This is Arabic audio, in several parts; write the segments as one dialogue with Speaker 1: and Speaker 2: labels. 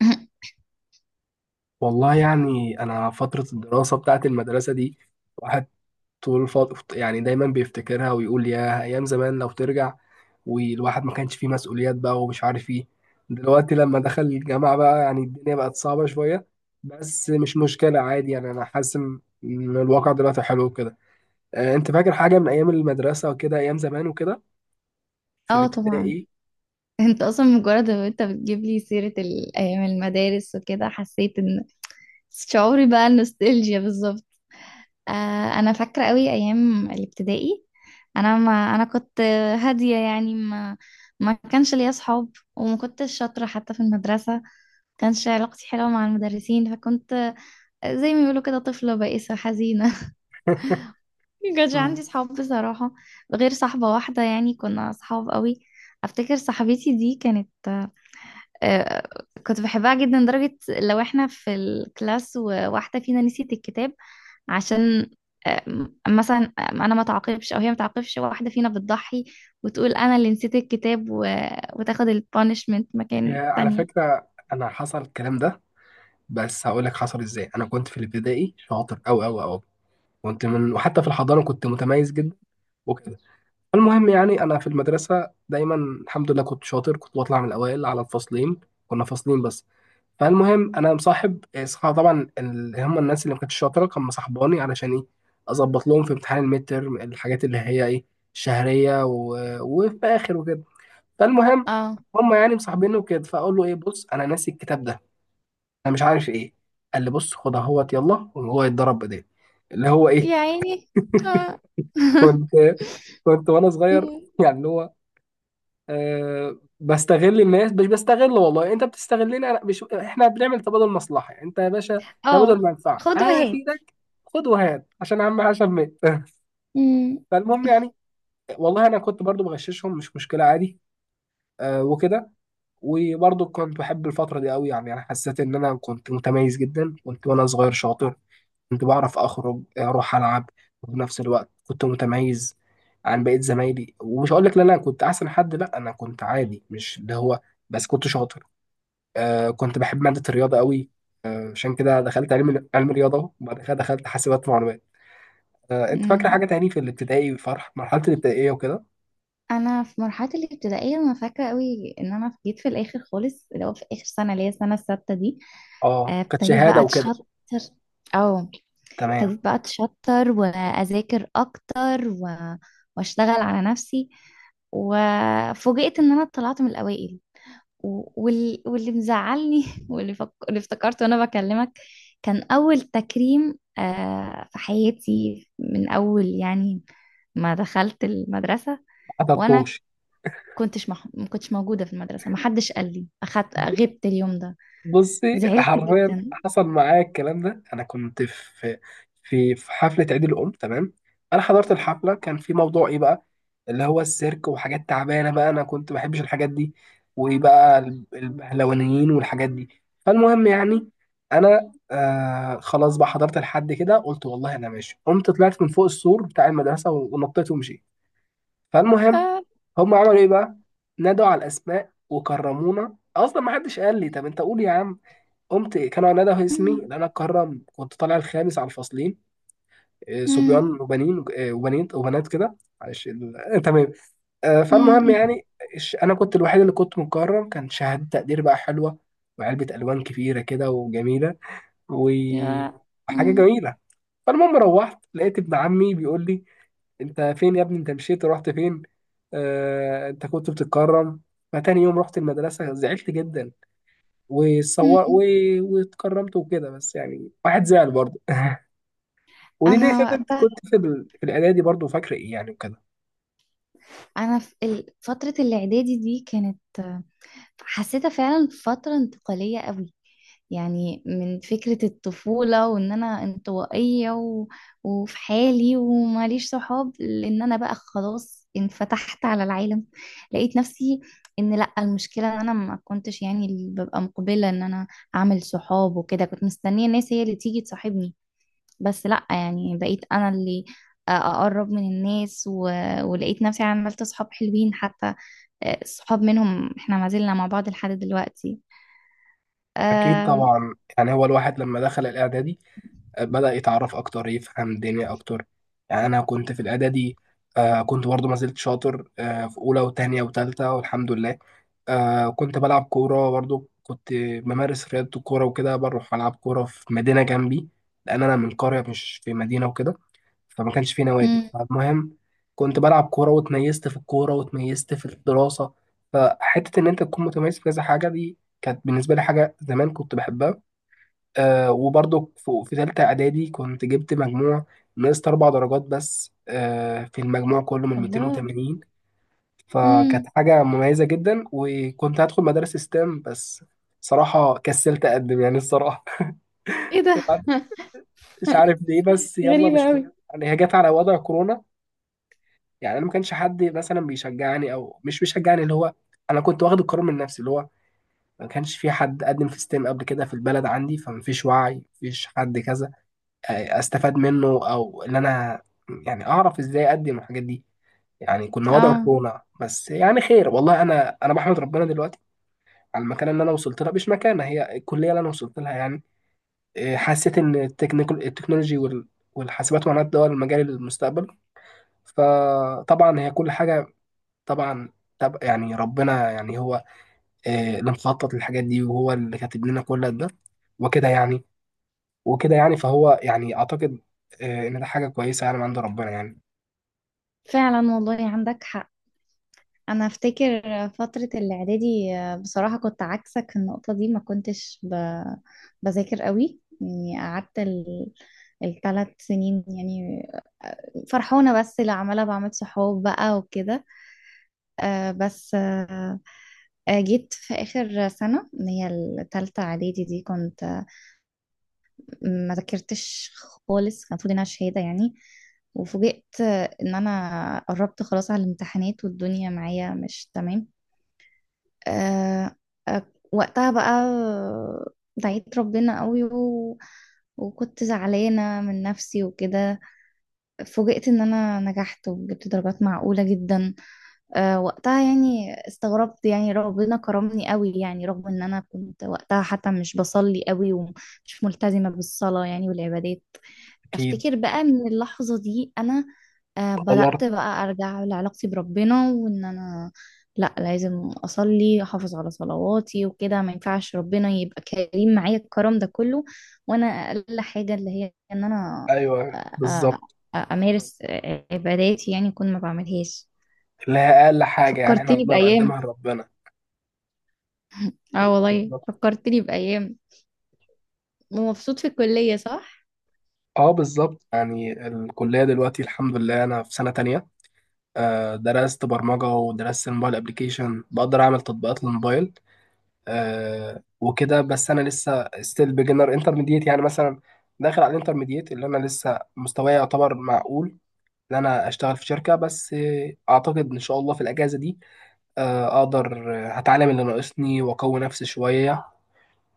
Speaker 1: والله يعني أنا فترة الدراسة بتاعت المدرسة دي واحد يعني دايما بيفتكرها ويقول يا أيام زمان لو ترجع، والواحد ما كانش فيه مسؤوليات بقى ومش عارف ايه. دلوقتي لما دخل الجامعة بقى يعني الدنيا بقت صعبة شوية، بس مش مشكلة عادي. يعني أنا حاسس إن الواقع دلوقتي حلو كده. أنت فاكر حاجة من أيام المدرسة وكده، أيام زمان وكده؟ في
Speaker 2: اه، طبعا.
Speaker 1: الابتدائي.
Speaker 2: انت اصلا مجرد ما انت بتجيب لي سيرة ايام المدارس وكده، حسيت ان شعوري بقى النوستالجيا بالظبط. آه، انا فاكرة قوي ايام الابتدائي. انا ما انا كنت هادية، يعني ما كانش ليا اصحاب، وما كنتش شاطرة حتى في المدرسة. كانش علاقتي حلوة مع المدرسين، فكنت زي ما بيقولوا كده طفلة بائسة حزينة. ما كانش
Speaker 1: مم.
Speaker 2: عندي صحاب بصراحة، غير صاحبة واحدة. يعني كنا صحاب قوي. افتكر صاحبتي دي كانت، آه، كنت بحبها جدا، لدرجة لو احنا في الكلاس وواحدة فينا نسيت الكتاب، عشان مثلا انا ما تعاقبش او هي ما تعاقبش، واحدة فينا بتضحي وتقول انا اللي نسيت الكتاب وتاخد البانشمنت مكان
Speaker 1: يا، على
Speaker 2: تانية.
Speaker 1: فكرة أنا حصل الكلام ده، بس هقولك حصل إزاي. أنا كنت في الابتدائي شاطر أوي أوي أوي، كنت من وحتى في الحضانة كنت متميز جدا وكده. المهم يعني أنا في المدرسة دايما الحمد لله كنت شاطر، كنت بطلع من الأوائل على الفصلين، كنا فصلين بس. فالمهم أنا مصاحب طبعا اللي هم الناس اللي ما كانتش شاطرة كان مصاحباني، علشان إيه؟ أظبط لهم في امتحان الميد تيرم الحاجات اللي هي إيه، شهرية و... وفي آخر وكده. فالمهم
Speaker 2: اه.
Speaker 1: هم يعني مصاحبيني وكده، فأقول له إيه، بص أنا ناسي الكتاب ده، أنا مش عارف إيه، قال لي بص خد أهوت يلا، وهو يتضرب بإيديه، اللي هو إيه.
Speaker 2: يا عيني. اه.
Speaker 1: كنت، كنت وانا صغير يعني اللي هو أه بستغل الناس. مش بستغل، والله انت بتستغلني انا، مش احنا بنعمل تبادل مصلحه، انت يا باشا
Speaker 2: اه،
Speaker 1: تبادل منفعه،
Speaker 2: خد
Speaker 1: انا
Speaker 2: وهات.
Speaker 1: افيدك خد وهات، عشان عم عشان مات.
Speaker 2: مم.
Speaker 1: فالمهم يعني، والله انا كنت برضو بغششهم، مش مشكله عادي. أه وكده. وبرضو كنت بحب الفتره دي قوي، يعني انا حسيت ان انا كنت متميز جدا، كنت وانا صغير شاطر، كنت بعرف أخرج أروح ألعب وفي نفس الوقت كنت متميز عن بقية زمايلي. ومش هقول لك لا أنا كنت أحسن حد، لا أنا كنت عادي، مش اللي هو، بس كنت شاطر. آه كنت بحب مادة الرياضة قوي، آه عشان كده دخلت علم رياضة أهو، وبعد كده دخلت حاسبات معلومات. آه، أنت فاكرة
Speaker 2: مم.
Speaker 1: حاجة تاني في الابتدائي، فرح مرحلة الابتدائية وكده؟
Speaker 2: انا في مرحله الابتدائيه، انا فاكره قوي ان انا جيت في الاخر خالص، اللي هو في اخر سنه، اللي هي السنه السادسه دي.
Speaker 1: أه
Speaker 2: آه،
Speaker 1: كانت
Speaker 2: ابتديت بقى
Speaker 1: شهادة وكده.
Speaker 2: اتشطر، او
Speaker 1: تمام.
Speaker 2: ابتديت بقى اتشطر واذاكر اكتر واشتغل على نفسي. وفوجئت ان انا طلعت من الاوائل. واللي مزعلني، اللي افتكرته وانا بكلمك، كان اول تكريم في حياتي، من اول يعني ما دخلت المدرسه.
Speaker 1: ما
Speaker 2: وانا
Speaker 1: حضرتوش.
Speaker 2: ما كنتش موجودة في المدرسة، ما حدش قال لي. أخدت، غبت اليوم ده.
Speaker 1: بصي
Speaker 2: زعلت
Speaker 1: حرفيا
Speaker 2: جدا.
Speaker 1: حصل معايا الكلام ده. انا كنت في في حفله عيد الام، تمام. انا حضرت الحفله، كان في موضوع ايه بقى، اللي هو السيرك وحاجات تعبانه بقى، انا كنت ما بحبش الحاجات دي، وبقى البهلوانيين والحاجات دي. فالمهم يعني انا خلاص بقى حضرت لحد كده، قلت والله انا ماشي، قمت طلعت من فوق السور بتاع المدرسه ونطيت ومشيت. فالمهم
Speaker 2: يا.
Speaker 1: هم عملوا ايه بقى، نادوا على الاسماء وكرمونا، اصلا ما حدش قال لي. طب انت قول يا عم. قمت إيه، كان عناد اسمي،
Speaker 2: أم،
Speaker 1: لأن أنا القاهرة كنت طالع الخامس على الفصلين.
Speaker 2: أم،
Speaker 1: صبيان وبنين، وبنات وبنات كده. معلش تمام.
Speaker 2: أم،
Speaker 1: فالمهم
Speaker 2: أم.
Speaker 1: يعني، أنا كنت الوحيد اللي كنت مكرم، كان شهادة تقدير بقى حلوة، وعلبة ألوان كبيرة كده وجميلة،
Speaker 2: يا.
Speaker 1: وحاجة
Speaker 2: أم،
Speaker 1: جميلة. فالمهم روحت لقيت ابن عمي بيقول لي، أنت فين يا ابني، أنت مشيت رحت فين، أنت كنت بتتكرم. فتاني يوم رحت المدرسة زعلت جدا،
Speaker 2: أم،
Speaker 1: وصور و...
Speaker 2: أم.
Speaker 1: واتكرمت وكده، بس يعني واحد زعل برضه. ودي ليه
Speaker 2: أنا
Speaker 1: كده، انت
Speaker 2: وقتها،
Speaker 1: كنت في في الاعدادي برضه، فاكر ايه يعني وكده؟
Speaker 2: أنا في فترة الإعدادي دي كانت، حسيتها فعلا فترة انتقالية قوي. يعني من فكرة الطفولة وان انا انطوائية وفي حالي وماليش صحاب، لان انا بقى خلاص انفتحت على العالم. لقيت نفسي ان لا، المشكلة ان انا ما كنتش يعني اللي ببقى مقبلة ان انا اعمل صحاب وكده. كنت مستنية الناس هي اللي تيجي تصاحبني. بس لا، يعني بقيت انا اللي اقرب من الناس ولقيت نفسي عملت صحاب حلوين حتى. صحاب منهم احنا ما زلنا مع بعض لحد دلوقتي.
Speaker 1: اكيد
Speaker 2: آه...
Speaker 1: طبعا، يعني هو الواحد لما دخل الاعدادي بدأ يتعرف اكتر، يفهم الدنيا اكتر. يعني انا كنت في الاعدادي آه كنت برضه ما زلت شاطر، آه في اولى وتانية وتالتة، والحمد لله. آه كنت بلعب كورة برضه، كنت بمارس رياضة الكورة وكده، بروح ألعب كورة في مدينة جنبي، لأن أنا من قرية مش في مدينة وكده، فما كانش في نوادي.
Speaker 2: مم.
Speaker 1: فالمهم كنت بلعب كورة، واتميزت في الكورة، واتميزت في الدراسة. فحتة إن أنت تكون متميز في كذا حاجة دي كانت بالنسبة لي حاجة، زمان كنت بحبها. آه وبرضو في تالتة إعدادي كنت جبت مجموع، نقصت أربع درجات بس آه، في المجموع كله من
Speaker 2: الله.
Speaker 1: 280. فكانت
Speaker 2: امم.
Speaker 1: حاجة مميزة جدا، وكنت هدخل مدارس ستام، بس صراحة كسلت أقدم يعني، الصراحة.
Speaker 2: ايه ده.
Speaker 1: مش عارف ليه، بس يلا
Speaker 2: غريبة
Speaker 1: مش
Speaker 2: قوي.
Speaker 1: يعني. هي جت على وضع كورونا، يعني انا ما كانش حد مثلا بيشجعني او مش بيشجعني، اللي هو انا كنت واخد القرار من نفسي، اللي هو ما كانش في حد قدم في ستيم قبل كده في البلد عندي، فما فيش وعي، ما فيش حد كذا استفاد منه، او ان انا يعني اعرف ازاي اقدم الحاجات دي. يعني كنا وضع
Speaker 2: اه،
Speaker 1: كورونا، بس يعني خير، والله انا بحمد ربنا دلوقتي على المكانه اللي انا وصلت لها، مش مكانه، هي الكليه اللي انا وصلت لها يعني. حسيت ان التكنيكال، التكنولوجي والحاسبات ومعلومات، ده هو المجال المستقبل. فطبعا هي كل حاجه، طبعا. طب يعني ربنا يعني هو اللي مخطط للحاجات دي، وهو اللي كاتب لنا كل ده وكده يعني. وكده يعني، فهو يعني اعتقد ان ده حاجه كويسه يعني، من عند ربنا يعني.
Speaker 2: فعلا والله عندك حق. انا افتكر فترة الاعدادي، بصراحة كنت عكسك في النقطة دي. ما كنتش بذاكر قوي. يعني قعدت الثلاث سنين يعني فرحونة، بس اللي عمالة بعمل صحاب بقى وكده. بس جيت في آخر سنة، اللي هي التالتة إعدادي دي، كنت ما ذاكرتش خالص. كان المفروض انها شهاده يعني. وفوجئت ان انا قربت خلاص على الامتحانات والدنيا معايا مش تمام. آه آه، وقتها بقى دعيت ربنا قوي وكنت زعلانة من نفسي وكده. فوجئت ان انا نجحت وجبت درجات معقولة جدا. وقتها يعني استغربت، يعني ربنا كرمني قوي يعني، رغم ان انا كنت وقتها حتى مش بصلي قوي ومش ملتزمة بالصلاة يعني والعبادات.
Speaker 1: اكيد.
Speaker 2: افتكر بقى من اللحظة دي، انا بدأت
Speaker 1: غيرت.
Speaker 2: بقى ارجع لعلاقتي بربنا، وان انا لا، لازم اصلي، احافظ على صلواتي وكده. ما ينفعش ربنا يبقى كريم معايا الكرم ده كله، وانا اقل حاجة اللي هي ان انا آه،
Speaker 1: ايوه
Speaker 2: آه،
Speaker 1: بالظبط.
Speaker 2: امارس عباداتي، يعني كنت ما بعملهاش.
Speaker 1: اللي هي اقل حاجه يعني احنا
Speaker 2: فكرتني
Speaker 1: نقدر
Speaker 2: بأيام.
Speaker 1: نقدمها لربنا.
Speaker 2: اه والله
Speaker 1: بالظبط.
Speaker 2: فكرتني بأيام. ومبسوط في الكلية، صح؟
Speaker 1: اه بالظبط، يعني الكليه دلوقتي الحمد لله انا في سنه تانية، درست برمجه ودرست الموبايل ابلكيشن، بقدر اعمل تطبيقات للموبايل وكده. بس انا لسه ستيل بيجنر انترميديت، يعني مثلا داخل على الانترميديت، اللي انا لسه مستواي يعتبر معقول ان انا اشتغل في شركه، بس اعتقد ان شاء الله في الاجازه دي اقدر هتعلم اللي ناقصني واقوي نفسي شويه،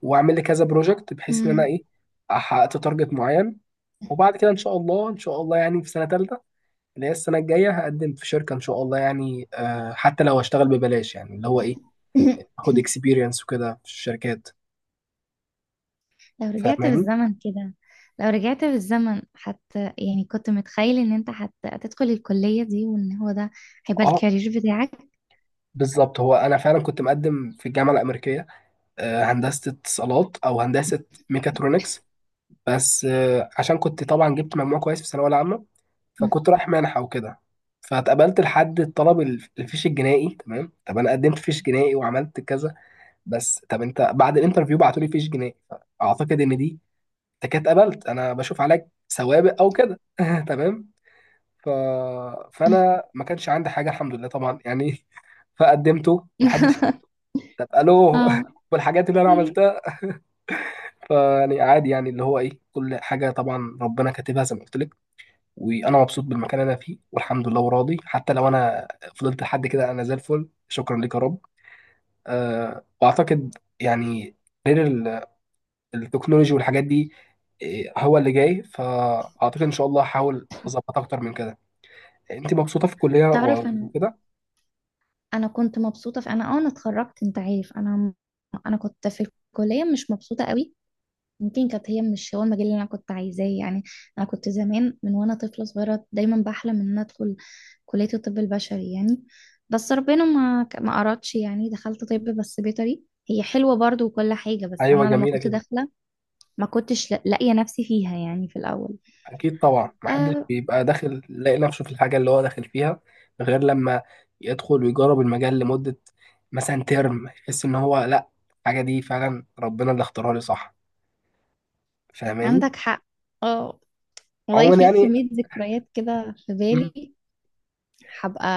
Speaker 1: واعمل لي كذا بروجكت، بحيث ان انا
Speaker 2: مم.
Speaker 1: ايه حققت تارجت معين. وبعد كده ان شاء الله ان شاء الله يعني في سنه ثالثه اللي هي السنه الجايه، هقدم في شركه ان شاء الله، يعني آه حتى لو هشتغل ببلاش، يعني اللي هو ايه، اخد اكسبيرينس وكده في الشركات،
Speaker 2: لو رجعت
Speaker 1: فاهماني.
Speaker 2: بالزمن كده لو رجعت بالزمن حتى، يعني كنت متخيل ان انت حت هتدخل الكلية دي، وان هو ده هيبقى
Speaker 1: اه
Speaker 2: الكارير بتاعك؟
Speaker 1: بالظبط، هو انا فعلا كنت مقدم في الجامعه الامريكيه، هندسه اتصالات او هندسه ميكاترونكس، بس عشان كنت طبعا جبت مجموع كويس في الثانويه العامه، فكنت رايح منحه وكده. فاتقبلت لحد الطلب الفيش الجنائي، تمام. طب انا قدمت فيش جنائي وعملت كذا، بس طب انت بعد الانترفيو بعتولي فيش جنائي. اعتقد ان دي، انت كده اتقبلت انا بشوف عليك سوابق او كده. تمام. ف... فانا ما كانش عندي حاجه الحمد لله طبعا يعني. فقدمته محدش. طب الو.
Speaker 2: اه.
Speaker 1: والحاجات اللي انا عملتها، فيعني عادي، يعني اللي هو ايه، كل حاجه طبعا ربنا كاتبها، زي ما قلت لك، وانا مبسوط بالمكان اللي انا فيه والحمد لله، وراضي حتى لو انا فضلت لحد كده، انا زي الفل، شكرا لك يا رب. أه واعتقد يعني، غير التكنولوجي والحاجات دي، هو اللي جاي، فاعتقد ان شاء الله هحاول اظبط اكتر من كده. انت مبسوطه في الكليه
Speaker 2: تعرف انا
Speaker 1: وكده؟
Speaker 2: انا كنت مبسوطة في انا اتخرجت. انت عارف انا كنت في الكلية مش مبسوطة قوي. يمكن كانت هي مش هو المجال اللي انا كنت عايزاه يعني. انا كنت زمان من وانا طفله صغيره دايما بحلم ان انا ادخل كليه الطب البشري يعني. بس ربنا ما ارادش يعني. دخلت طب بس بيطري. هي حلوه برضو وكل حاجه، بس
Speaker 1: ايوه
Speaker 2: انا لما
Speaker 1: جميله
Speaker 2: كنت
Speaker 1: كده.
Speaker 2: داخله ما كنتش لاقيه نفسي فيها، يعني في الاول.
Speaker 1: أكيد طبعا، محدش
Speaker 2: آه،
Speaker 1: بيبقى داخل لاقي نفسه في الحاجة اللي هو داخل فيها، غير لما يدخل ويجرب المجال لمدة مثلا ترم، يحس إن هو لأ، الحاجة دي فعلا ربنا اللي اختارها لي صح، فاهماني؟
Speaker 2: عندك حق. اه والله
Speaker 1: عموما
Speaker 2: في
Speaker 1: يعني.
Speaker 2: كميه ذكريات كده في
Speaker 1: مم.
Speaker 2: بالي. هبقى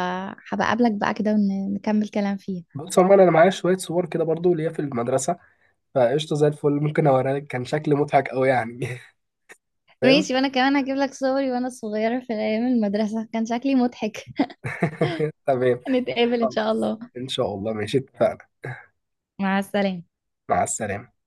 Speaker 2: هبقى اقابلك بقى كده ونكمل كلام فيها.
Speaker 1: بص عموما أنا معايا شوية صور كده برضو ليا في المدرسة، فقشطة زي الفل، ممكن أوريها لك، كان شكل مضحك أوي يعني.
Speaker 2: ماشي، وانا كمان هجيب لك صوري وانا صغيرة في ايام المدرسة، كان شكلي مضحك.
Speaker 1: تمام.
Speaker 2: نتقابل ان شاء
Speaker 1: خلاص.
Speaker 2: الله.
Speaker 1: إن شاء الله ماشي اتفقنا.
Speaker 2: مع السلامة.
Speaker 1: مع السلامة.